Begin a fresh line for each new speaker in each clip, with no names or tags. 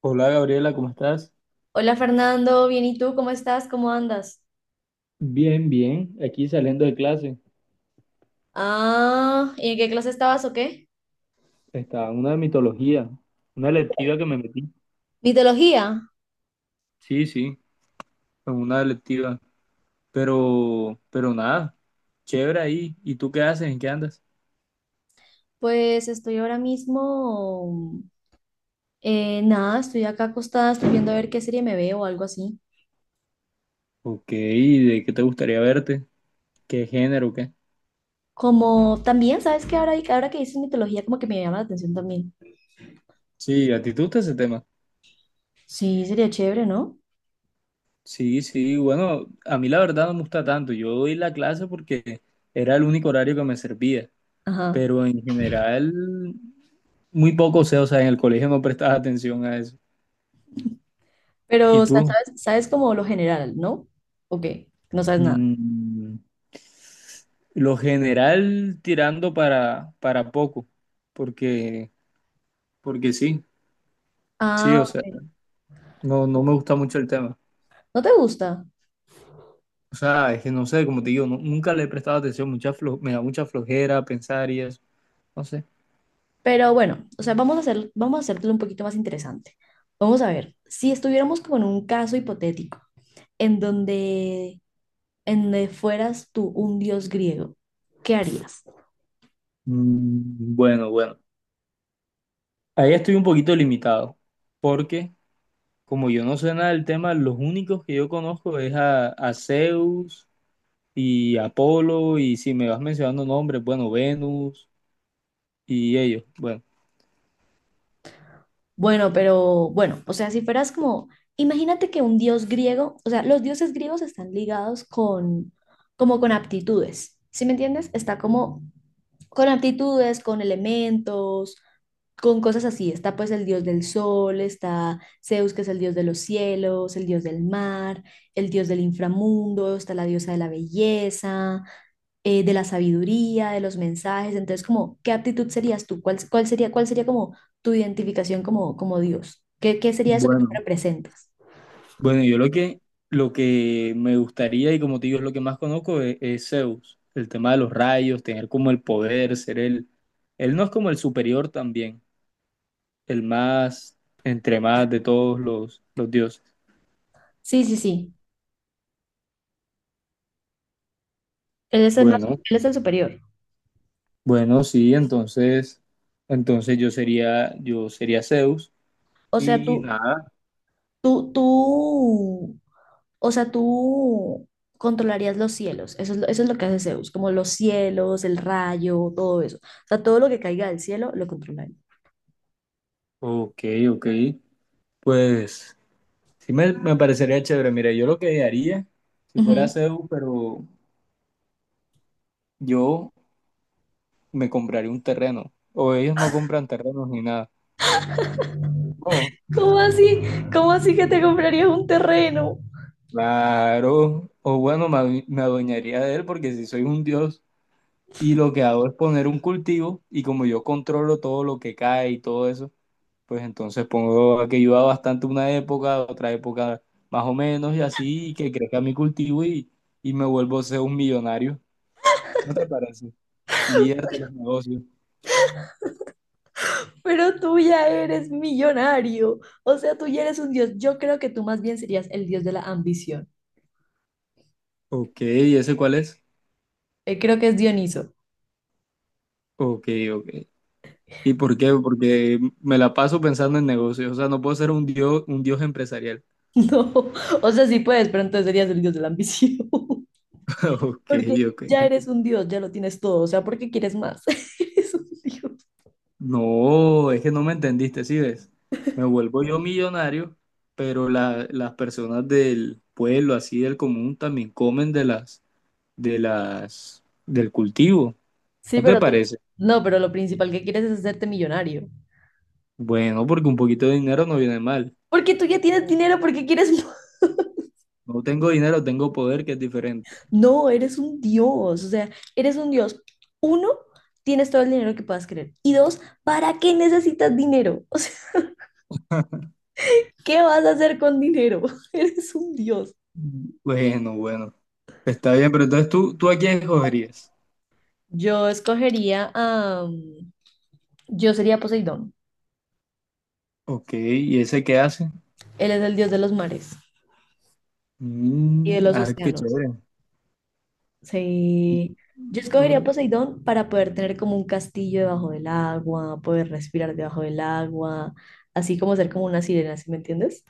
Hola Gabriela, ¿cómo estás?
Hola Fernando, bien, ¿y tú? ¿Cómo estás? ¿Cómo andas?
Bien, bien. Aquí saliendo de clase.
Ah, ¿y en qué clase estabas o qué?
Estaba en una de mitología, una electiva que me metí.
Mitología.
Sí, sí, en una electiva. Pero nada, chévere ahí. ¿Y tú qué haces? ¿En qué andas?
Pues estoy ahora mismo, nada, estoy acá acostada, estoy viendo a ver qué serie me veo o algo así.
Ok, ¿de qué te gustaría verte? ¿Qué género, qué?
Como también, ¿sabes qué? Ahora que dices mitología, como que me llama la atención también.
Sí, ¿a ti te gusta ese tema?
Sí, sería chévere, ¿no?
Sí, sí, bueno, a mí la verdad no me gusta tanto. Yo doy la clase porque era el único horario que me servía.
Ajá.
Pero en general, muy poco sé, o sea, en el colegio no prestaba atención a eso.
Pero,
¿Y
o sea,
tú?
¿sabes como lo general, ¿no? ¿O qué? No sabes nada.
Mm, lo general tirando para poco, porque, porque sí, sí,
Ah,
o sea,
ok.
no, no me gusta mucho el tema.
¿No te gusta?
O sea, es que no sé, como te digo, nunca le he prestado atención, me da mucha flojera pensar y eso, no sé.
Pero bueno, o sea, vamos a hacértelo un poquito más interesante. Vamos a ver, si estuviéramos como en un caso hipotético, en donde, en donde fueras tú un dios griego, ¿qué harías?
Bueno, bueno, ahí estoy un poquito limitado, porque como yo no sé nada del tema, los únicos que yo conozco es a Zeus y Apolo, y si me vas mencionando nombres, bueno, Venus y ellos. Bueno,
Bueno, pero bueno, o sea, si fueras como, imagínate que un dios griego, o sea, los dioses griegos están ligados con, como con aptitudes, ¿sí me entiendes? Está como con aptitudes, con elementos, con cosas así. Está pues el dios del sol, está Zeus, que es el dios de los cielos, el dios del mar, el dios del inframundo, está la diosa de la belleza, de la sabiduría, de los mensajes. Entonces, como, ¿qué aptitud serías tú? ¿Cuál sería, cuál sería como tu identificación como, como Dios? ¿Qué, qué sería eso que tú
bueno,
representas?
bueno, yo lo que me gustaría y como te digo es lo que más conozco es Zeus, el tema de los rayos, tener como el poder, él no es como el superior también, el más, entre más de todos los dioses.
Sí, sí, sí. Él es el más,
Bueno,
él es el superior.
bueno, sí, entonces yo sería Zeus
O sea,
y nada,
tú, tú, o sea, tú controlarías los cielos. Eso es, eso es lo que hace Zeus, como los cielos, el rayo, todo eso. O sea, todo lo que caiga del cielo lo controlaría.
ok, ok, pues sí me parecería chévere. Mira, yo lo que haría si fuera
Ujú.
Zeus, pero yo me compraría un terreno. O ellos no compran terrenos ni nada. No,
¿Cómo así? ¿Cómo así que te comprarías un terreno?
claro. O bueno, me adueñaría de él porque si soy un dios y lo que hago es poner un cultivo y como yo controlo todo lo que cae y todo eso, pues entonces pongo a que llueva bastante una época, otra época más o menos y así, y que crezca mi cultivo y me vuelvo a ser un millonario. ¿No te parece? Líder de los negocios.
Pero tú ya eres millonario. O sea, tú ya eres un dios. Yo creo que tú más bien serías el dios de la ambición.
Ok, ¿y ese cuál es?
Creo que es Dioniso.
Ok, ok. ¿Y por qué? Porque me la paso pensando en negocios. O sea, no puedo ser un dios empresarial.
No, o sea, sí puedes, pero entonces serías el dios de la ambición.
Ok,
Porque ya
ok.
eres un dios, ya lo tienes todo. O sea, ¿por qué quieres más? Eres un dios.
No, es que no me entendiste, ¿sí ves? Me vuelvo yo millonario, pero las personas del pueblo, así del común, también comen de del cultivo.
Sí,
¿No te
pero tú.
parece?
No, pero lo principal que quieres es hacerte millonario.
Bueno, porque un poquito de dinero no viene mal.
Porque tú ya tienes dinero, porque quieres. ¿Más?
No tengo dinero, tengo poder, que es diferente.
No, eres un dios. O sea, eres un dios. Uno, tienes todo el dinero que puedas querer. Y dos, ¿para qué necesitas dinero? O sea, ¿qué vas a hacer con dinero? Eres un dios.
Bueno, bueno. Está bien, pero ¿tú a quién escogerías?
Yo escogería a. Yo sería Poseidón.
Ok, ¿y ese qué hace?
Él es el dios de los mares y de
Mm,
los
ah, qué
océanos.
chévere. Y,
Sí. Yo escogería
mm,
Poseidón para poder tener como un castillo debajo del agua, poder respirar debajo del agua, así como ser como una sirena, ¿sí me entiendes?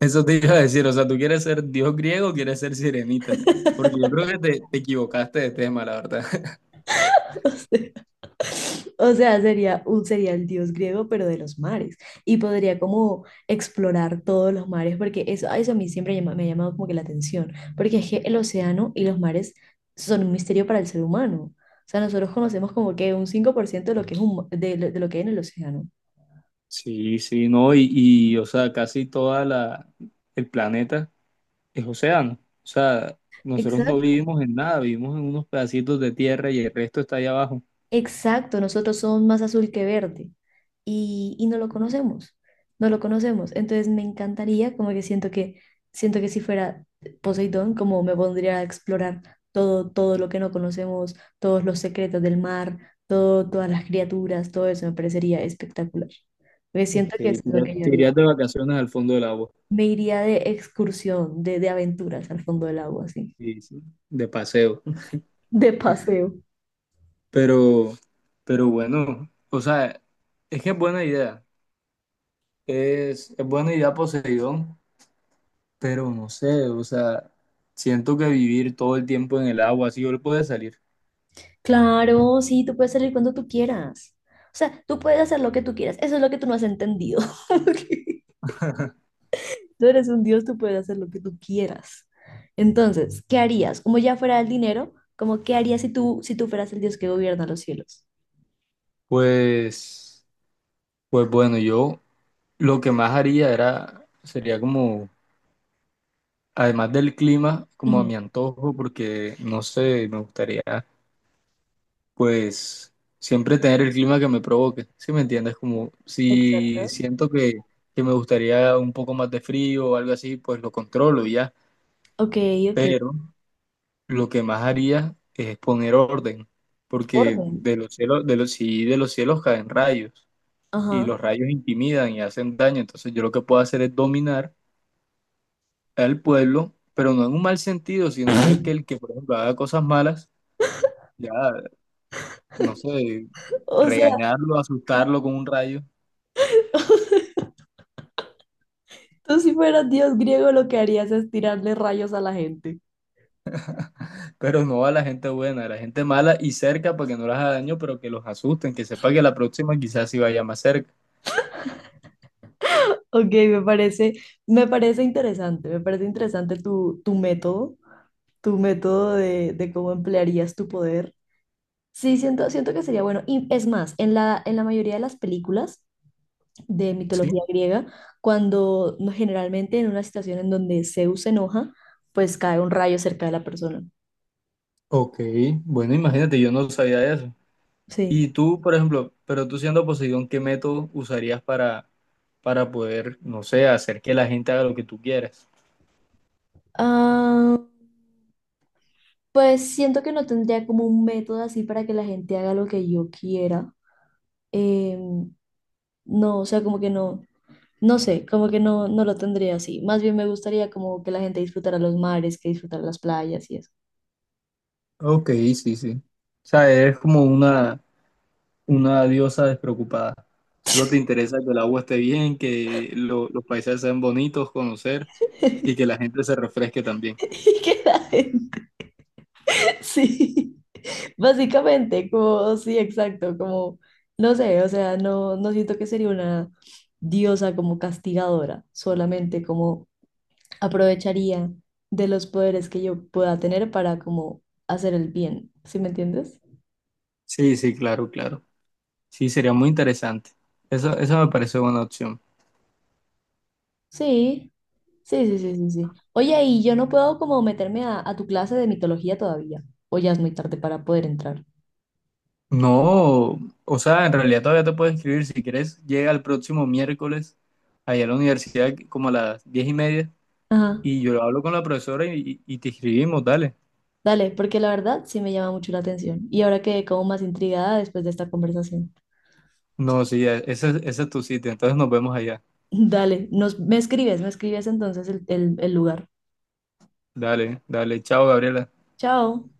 eso te iba a decir. O sea, ¿tú quieres ser dios griego o quieres ser sirenita? Porque yo creo que te equivocaste de tema, la verdad.
O sea, sería el dios griego, pero de los mares. Y podría como explorar todos los mares, porque eso, a eso a mí siempre me ha llamado como que la atención, porque es que el océano y los mares son un misterio para el ser humano. O sea, nosotros conocemos como que un 5% de lo que es un, de lo que hay en el océano.
Sí, sí, no, o sea, casi toda el planeta es océano. O sea, nosotros no
Exacto.
vivimos en nada, vivimos en unos pedacitos de tierra y el resto está allá abajo.
Exacto, nosotros somos más azul que verde y no lo conocemos, no lo conocemos. Entonces me encantaría, como que siento que si fuera Poseidón, como me pondría a explorar todo lo que no conocemos, todos los secretos del mar, todo, todas las criaturas, todo eso me parecería espectacular. Porque
Ok,
siento que eso es lo que yo
te
haría.
irías de vacaciones al fondo del agua.
Me iría de excursión, de aventuras al fondo del agua, así,
Sí, sí, de paseo.
de paseo.
Pero, pero bueno, o sea, es que es buena idea. Es buena idea Poseidón, pero no sé, o sea, siento que vivir todo el tiempo en el agua, así yo le puedo salir.
Claro, sí, tú puedes salir cuando tú quieras. O sea, tú puedes hacer lo que tú quieras. Eso es lo que tú no has entendido. Tú eres un dios, tú puedes hacer lo que tú quieras. Entonces, ¿qué harías? Como ya fuera el dinero, como qué harías si tú fueras el dios que gobierna los cielos?
Pues, pues bueno, yo lo que más haría era, sería como, además del clima, como a
Ujú,
mi antojo, porque no sé, me gustaría, pues, siempre tener el clima que me provoque, ¿sí me entiendes? Como si
exacto.
siento que me gustaría un poco más de frío o algo así, pues lo controlo y ya,
Ok, ok.
pero lo que más haría es poner orden, porque
Orden.
de los cielos, sí, de los cielos caen rayos y
Ajá.
los rayos intimidan y hacen daño. Entonces yo lo que puedo hacer es dominar al pueblo, pero no en un mal sentido, sino de que el que, por ejemplo, haga cosas malas, ya, no sé,
O sea,
regañarlo, asustarlo con un rayo,
tú si fueras dios griego, lo que harías es tirarle rayos a la gente.
pero no a la gente buena, a la gente mala y cerca para que no les haga daño, pero que los asusten, que sepa que la próxima quizás sí vaya más cerca.
Ok, me parece interesante tu, tu método. Tu método de cómo emplearías tu poder. Sí, siento que sería bueno. Y es más, en la mayoría de las películas de
Sí.
mitología griega, cuando no- generalmente en una situación en donde Zeus se enoja, pues cae un rayo cerca de la persona.
Ok, bueno, imagínate, yo no sabía eso.
Sí.
Y tú, por ejemplo, pero tú siendo Poseidón, ¿qué método usarías para poder, no sé, hacer que la gente haga lo que tú quieres?
Ah, pues siento que no tendría como un método así para que la gente haga lo que yo quiera. Em, no, o sea, como que no, no sé, como que no, no lo tendría así. Más bien me gustaría como que la gente disfrutara los mares, que disfrutara las playas y eso.
Ok, sí, sí. O sea, eres como una diosa despreocupada. Solo te interesa que el agua esté bien, que los paisajes sean bonitos, conocer y que la gente se refresque también.
Y queda en- Sí, básicamente, como, sí, exacto, como, no sé, o sea, no, no siento que sería una diosa como castigadora, solamente como aprovecharía de los poderes que yo pueda tener para como hacer el bien, ¿sí me entiendes?
Sí, sí, claro, claro. Sí, sería muy interesante. Eso me parece buena opción.
Sí, sí, sí, sí, sí, sí. Oye, y yo no puedo como meterme a tu clase de mitología todavía, o ya es muy tarde para poder entrar.
No, o sea, en realidad todavía te puedes escribir. Si quieres, llega el próximo miércoles allá a la universidad como a las 10:30
Ajá.
y yo hablo con la profesora y te escribimos, dale.
Dale, porque la verdad sí me llama mucho la atención y ahora quedé como más intrigada después de esta conversación.
No, sí, ese es tu sitio, entonces nos vemos allá.
Dale, me escribes entonces el lugar.
Dale, dale, chao, Gabriela.
Chao.